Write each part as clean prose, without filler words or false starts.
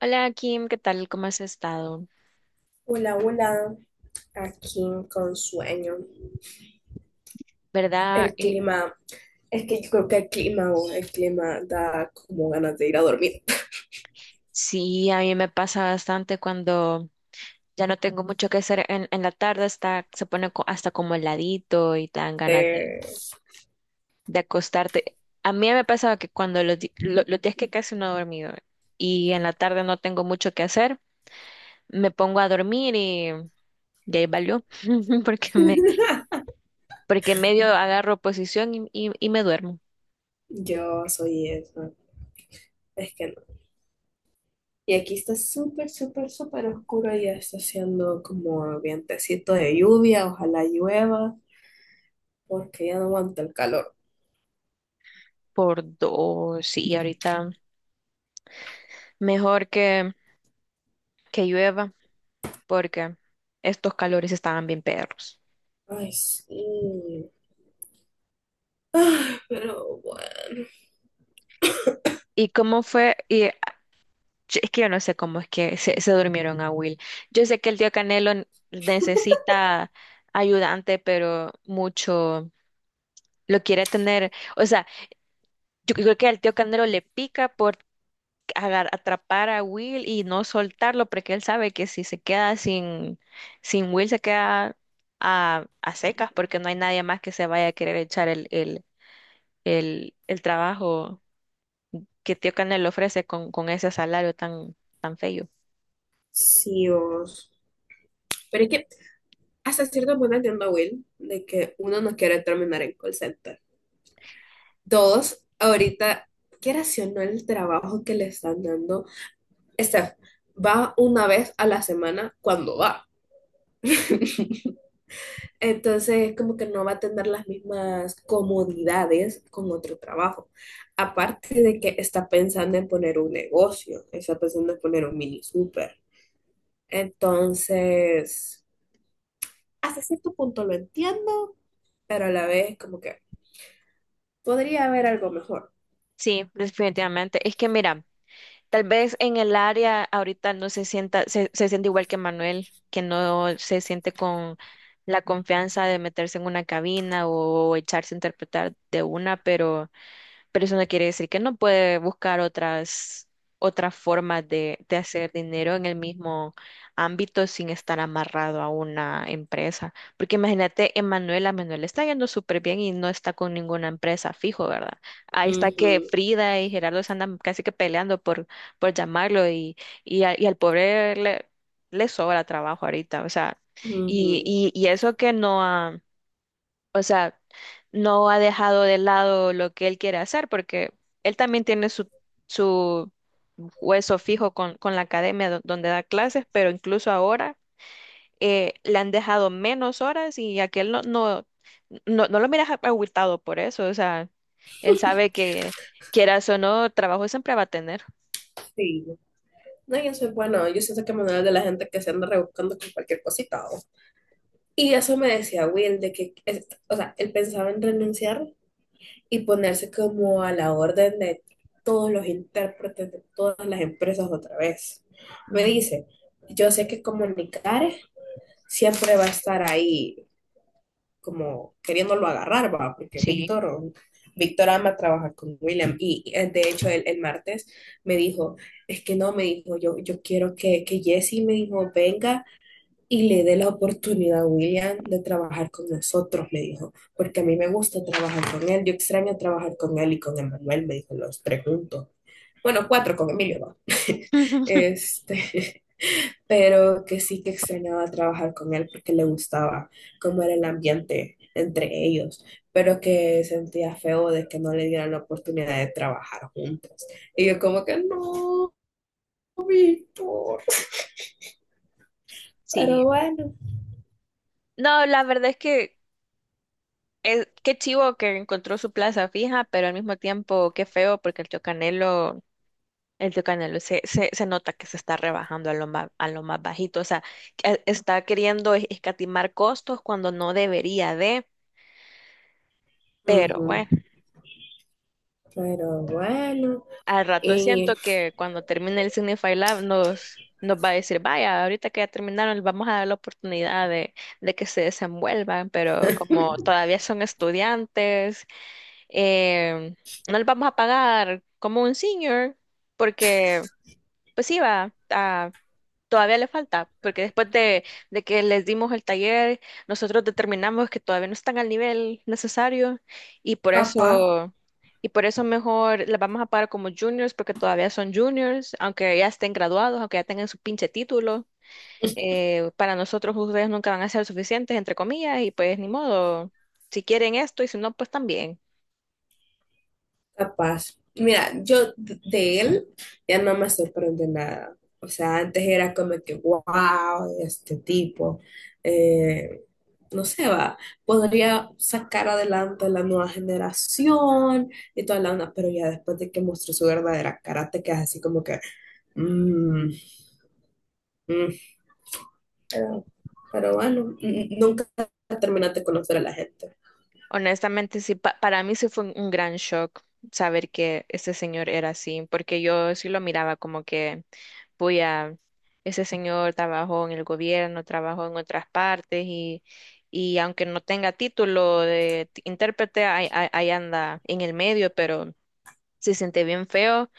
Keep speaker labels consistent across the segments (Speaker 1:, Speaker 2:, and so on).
Speaker 1: Hola Kim, ¿qué tal? ¿Cómo has estado?
Speaker 2: Hola, hola, aquí con sueño.
Speaker 1: ¿Verdad?
Speaker 2: El clima, es que yo creo que el clima, o el clima da como ganas de ir a dormir.
Speaker 1: Sí, a mí me pasa bastante cuando ya no tengo mucho que hacer en la tarde, hasta, se pone hasta como heladito y te dan ganas de,
Speaker 2: Eh,
Speaker 1: de acostarte. A mí me pasaba que cuando los días que casi no he dormido y en la tarde no tengo mucho que hacer, me pongo a dormir y, ya ahí valió, porque me, porque medio agarro posición y me duermo
Speaker 2: yo soy eso, es que no. Y aquí está súper, súper, súper oscuro y ya está haciendo como vientecito de lluvia, ojalá llueva, porque ya no aguanta el calor.
Speaker 1: por dos, y ahorita mejor que, llueva. Porque estos calores estaban bien perros.
Speaker 2: Ay, sí. Ay, pero bueno,
Speaker 1: ¿Y cómo fue? Y es que yo no sé cómo es que se durmieron a Will. Yo sé que el tío Canelo necesita ayudante, pero mucho lo quiere tener. O sea, yo creo que al tío Canelo le pica por atrapar a Will y no soltarlo, porque él sabe que si se queda sin, Will, se queda a secas, porque no hay nadie más que se vaya a querer echar el, trabajo que Tío Canel ofrece con, ese salario tan feo.
Speaker 2: sí, vos. Pero es que hasta cierto punto entiendo a Will de que uno no quiere terminar en call center. Dos ahorita, quieras o no el trabajo que le están dando, Steph va una vez a la semana cuando va. Entonces, como que no va a tener las mismas comodidades con otro trabajo. Aparte de que está pensando en poner un negocio, está pensando en poner un mini súper. Entonces, hasta cierto punto lo entiendo, pero a la vez como que podría haber algo mejor.
Speaker 1: Sí, definitivamente. Es que mira, tal vez en el área ahorita no se sienta, se siente igual que Manuel, que no se siente con la confianza de meterse en una cabina o echarse a interpretar de una, pero eso no quiere decir que no puede buscar otras, formas de hacer dinero en el mismo ámbito sin estar amarrado a una empresa. Porque imagínate, Manuela está yendo súper bien y no está con ninguna empresa fijo, ¿verdad? Ahí está que
Speaker 2: Ujú,
Speaker 1: Frida y Gerardo se andan casi que peleando por, llamarlo y al pobre le sobra trabajo ahorita, o sea, y,
Speaker 2: ujú.
Speaker 1: y, y eso que no ha, o sea, no ha dejado de lado lo que él quiere hacer porque él también tiene su, hueso fijo con la academia donde da clases, pero incluso ahora le han dejado menos horas y aquel no lo miras agüitado por eso, o sea, él sabe que quieras o no, trabajo siempre va a tener.
Speaker 2: Sí. No, yo soy bueno, yo siento que Manuel de la gente que se anda rebuscando con cualquier cosita. ¿O? Y eso me decía Will, de que, o sea, él pensaba en renunciar y ponerse como a la orden de todos los intérpretes de todas las empresas otra vez. Me
Speaker 1: Ujú.
Speaker 2: dice, yo sé que comunicar siempre va a estar ahí como queriéndolo agarrar, va, porque
Speaker 1: Sí.
Speaker 2: Víctor, Víctor ama trabajar con William y de hecho el martes me dijo, es que no, me dijo, yo quiero que Jesse, me dijo, venga y le dé la oportunidad a William de trabajar con nosotros, me dijo, porque a mí me gusta trabajar con él, yo extraño trabajar con él y con Emanuel, me dijo, los tres juntos. Bueno, cuatro con Emilio, va. Este, pero que sí que extrañaba trabajar con él porque le gustaba cómo era el ambiente entre ellos, pero que sentía feo de que no le dieran la oportunidad de trabajar juntos. Y yo como que no, Víctor, pero
Speaker 1: Sí.
Speaker 2: bueno.
Speaker 1: No, la verdad es que qué chivo que encontró su plaza fija, pero al mismo tiempo qué feo porque el tío Canelo, se nota que se está rebajando a lo más bajito, o sea, que está queriendo escatimar costos cuando no debería de, pero
Speaker 2: Ujú,
Speaker 1: bueno,
Speaker 2: pero bueno,
Speaker 1: al rato
Speaker 2: y
Speaker 1: siento que cuando termine el Signify Lab nos, va a decir, vaya, ahorita que ya terminaron, vamos a dar la oportunidad de que se desenvuelvan, pero como todavía son estudiantes eh, no les vamos a pagar como un senior, porque pues sí va, todavía le falta, porque después de que les dimos el taller, nosotros determinamos que todavía no están al nivel necesario y por
Speaker 2: capaz.
Speaker 1: eso, y por eso mejor les vamos a pagar como juniors, porque todavía son juniors, aunque ya estén graduados, aunque ya tengan su pinche título. Para nosotros ustedes nunca van a ser suficientes, entre comillas, y pues ni modo, si quieren esto y si no, pues también.
Speaker 2: Capaz. Mira, yo de él ya no me sorprende nada. O sea, antes era como que, wow, este tipo, eh, no sé, va, podría sacar adelante la nueva generación y toda la onda, pero ya después de que mostró su verdadera cara, te quedas así como que, mm, mm, pero, pero bueno, nunca terminaste de conocer a la gente.
Speaker 1: Honestamente, sí, para mí sí fue un gran shock saber que ese señor era así, porque yo sí lo miraba como que, voy a, ese señor trabajó en el gobierno, trabajó en otras partes y aunque no tenga título de intérprete, ahí anda en el medio, pero se siente bien feo,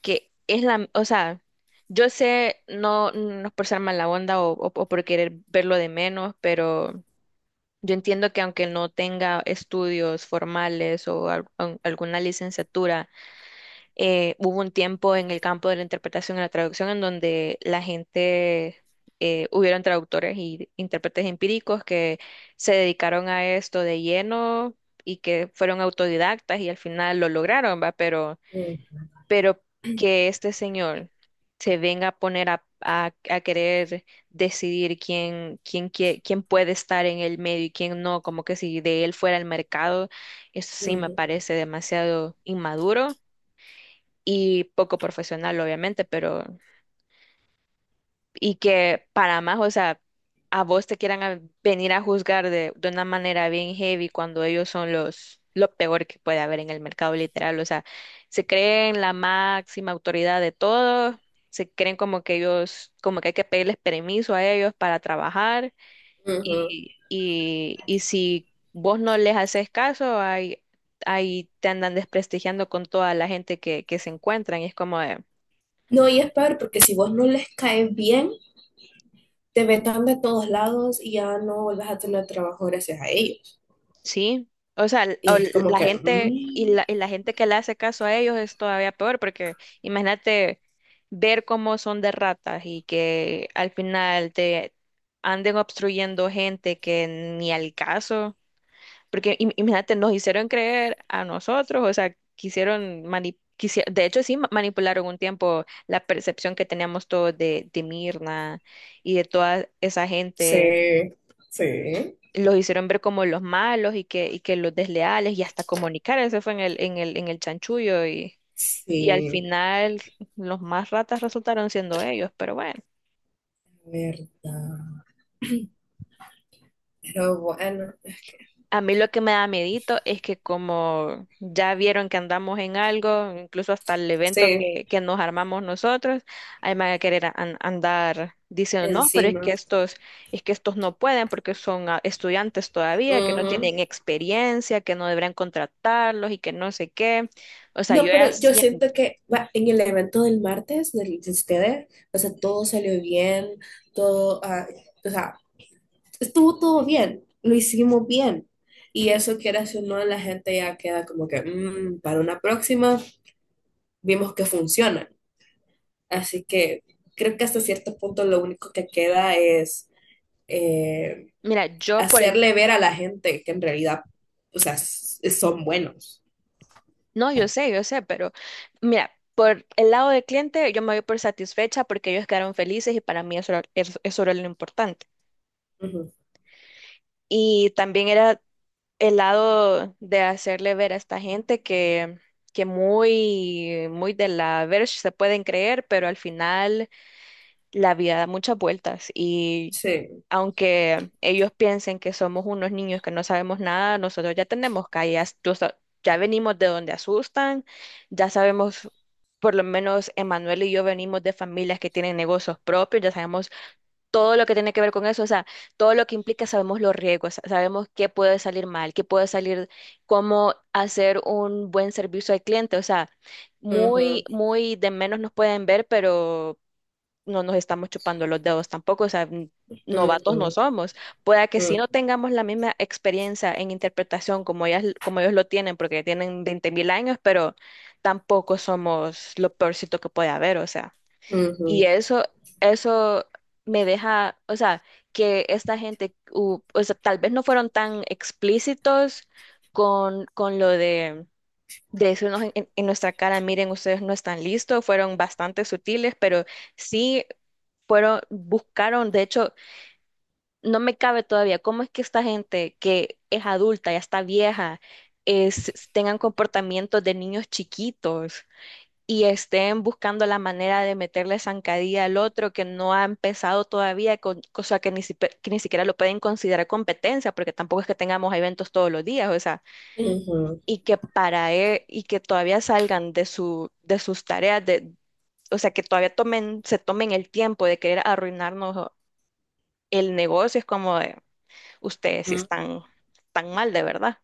Speaker 1: que es la, o sea, yo sé, no, no es por ser mala onda o, o por querer verlo de menos, pero... Yo entiendo que aunque no tenga estudios formales o alguna licenciatura. Hubo un tiempo en el campo de la interpretación y la traducción en donde la gente, hubieron traductores y intérpretes empíricos que se dedicaron a esto de lleno y que fueron autodidactas y al final lo lograron, ¿va? Pero
Speaker 2: Mm,
Speaker 1: pero que este señor se venga a poner a, a querer decidir quién puede estar en el medio y quién no, como que si de él fuera el mercado, eso sí me
Speaker 2: ujú,
Speaker 1: parece demasiado inmaduro y poco profesional, obviamente, pero y que para más, o sea, a vos te quieran venir a juzgar de, una manera bien heavy cuando ellos son los lo peor que puede haber en el mercado literal, o sea, se creen la máxima autoridad de todo, se creen como que ellos, como que hay que pedirles permiso a ellos para trabajar
Speaker 2: ujú.
Speaker 1: y si vos no les haces caso, ahí te andan desprestigiando con toda la gente que, se encuentran y es como de,
Speaker 2: No, y es peor porque si vos no les caes bien, te vetan de todos lados y ya no vuelvas a tener trabajo gracias a ellos.
Speaker 1: sí, o sea,
Speaker 2: Y es como
Speaker 1: la
Speaker 2: que,
Speaker 1: gente y la, y
Speaker 2: mm,
Speaker 1: la gente que le hace caso a ellos es todavía peor, porque imagínate ver cómo son de ratas y que al final te anden obstruyendo gente que ni al caso, porque imagínate, nos hicieron creer a nosotros, o sea, de hecho sí manipularon un tiempo la percepción que teníamos todos de Mirna y de toda esa
Speaker 2: sí,
Speaker 1: gente
Speaker 2: sí,
Speaker 1: los hicieron ver como los malos y que los desleales y hasta comunicar, eso fue en el, en el chanchullo y al
Speaker 2: sí,
Speaker 1: final los más ratas resultaron siendo ellos, pero bueno.
Speaker 2: verdad. Pero bueno, es que
Speaker 1: A mí lo que me da medito es que como ya vieron que andamos en algo, incluso hasta el evento
Speaker 2: sí,
Speaker 1: que, nos armamos nosotros, ahí me van a querer andar diciendo, no, pero
Speaker 2: encima.
Speaker 1: es que estos no pueden porque son estudiantes todavía, que no
Speaker 2: Ujú.
Speaker 1: tienen experiencia, que no deberían contratarlos y que no sé qué. O sea, yo
Speaker 2: No,
Speaker 1: ya
Speaker 2: pero yo
Speaker 1: siento,
Speaker 2: siento que va, en el evento del martes, del, de ustedes, o sea, todo salió bien, todo, ah, o sea, estuvo todo bien, lo hicimos bien. Y eso que era si no, la gente ya queda como que, "Mm, para una próxima, vimos que funcionan. Así que creo que hasta cierto punto lo único que queda es eh,
Speaker 1: mira,
Speaker 2: hacerle ver a la gente que en realidad, o sea, son buenos.
Speaker 1: no, yo sé, pero mira. Por el lado del cliente, yo me voy por satisfecha porque ellos quedaron felices y para mí eso era lo importante.
Speaker 2: Ujú.
Speaker 1: Y también era el lado de hacerle ver a esta gente que, muy, muy de la verge se pueden creer, pero al final la vida da muchas vueltas. Y
Speaker 2: Sí.
Speaker 1: aunque ellos piensen que somos unos niños que no sabemos nada, nosotros ya tenemos calles, ya venimos de donde asustan, ya sabemos, por lo menos Emanuel y yo venimos de familias que tienen negocios propios, ya sabemos todo lo que tiene que ver con eso, o sea, todo lo que implica, sabemos los riesgos, sabemos qué puede salir mal, cómo hacer un buen servicio al cliente, o sea, muy,
Speaker 2: Ujú,
Speaker 1: muy de menos nos pueden ver, pero no nos estamos chupando los dedos tampoco, o sea,
Speaker 2: ujú,
Speaker 1: novatos no somos. Pueda que si no
Speaker 2: ujú,
Speaker 1: tengamos la misma experiencia en interpretación como ellas, como ellos lo tienen, porque tienen 20.000 años, pero tampoco somos lo peorcito que puede haber, o sea. Y
Speaker 2: ujú,
Speaker 1: eso me deja, o sea, que esta gente, o sea, tal vez no fueron tan explícitos con, lo de, decirnos en, en nuestra cara, miren, ustedes no están listos, fueron bastante sutiles, pero sí fueron, buscaron, de hecho, no me cabe todavía cómo es que esta gente que es adulta, ya está vieja, tengan comportamientos de niños chiquitos y estén buscando la manera de meterle zancadilla al otro que no ha empezado todavía, cosa que ni, que ni siquiera lo pueden considerar competencia, porque tampoco es que tengamos eventos todos los días, o sea,
Speaker 2: ujú,
Speaker 1: y que para y que todavía salgan de sus tareas, de, o sea, que todavía se tomen el tiempo de querer arruinarnos el negocio, es como de, ustedes sí
Speaker 2: ujú.
Speaker 1: están tan mal de verdad.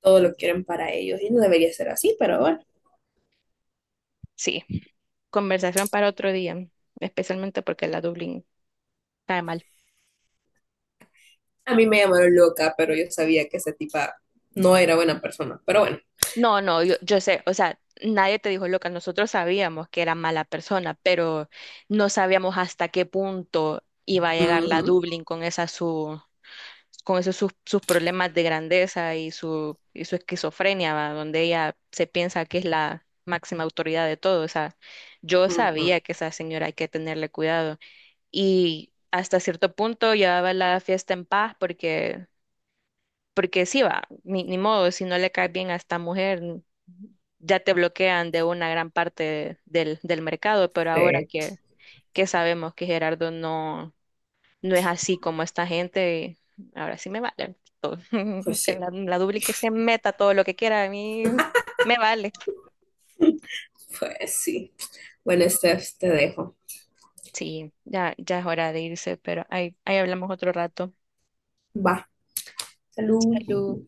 Speaker 2: Todo lo quieren para ellos y no debería ser así, pero bueno.
Speaker 1: Sí, conversación para otro día, especialmente porque la Dublín cae mal.
Speaker 2: A mí me llamaron loca, pero yo sabía que esa tipa no era buena persona, pero bueno.
Speaker 1: No, no, yo, sé, o sea, nadie te dijo loca, nosotros sabíamos que era mala persona, pero no sabíamos hasta qué punto iba a llegar la
Speaker 2: Ujú,
Speaker 1: Dublín con esos sus problemas de grandeza y su esquizofrenia, ¿va? Donde ella se piensa que es la máxima autoridad de todo, o sea, yo
Speaker 2: ujú,
Speaker 1: sabía que esa señora hay que tenerle cuidado y hasta cierto punto llevaba la fiesta en paz porque sí va, ni modo, si no le cae bien a esta mujer, ya te bloquean de una gran parte del, mercado, pero ahora
Speaker 2: sí,
Speaker 1: que, sabemos que Gerardo no es así como esta gente, ahora sí me vale todo.
Speaker 2: pues
Speaker 1: Que
Speaker 2: sí,
Speaker 1: la Dubli que se meta todo lo que quiera, a mí me vale.
Speaker 2: pues sí. Bueno, Steph, te dejo.
Speaker 1: Sí, ya, ya es hora de irse, pero ahí hablamos otro rato.
Speaker 2: Va. Salud.
Speaker 1: Salud.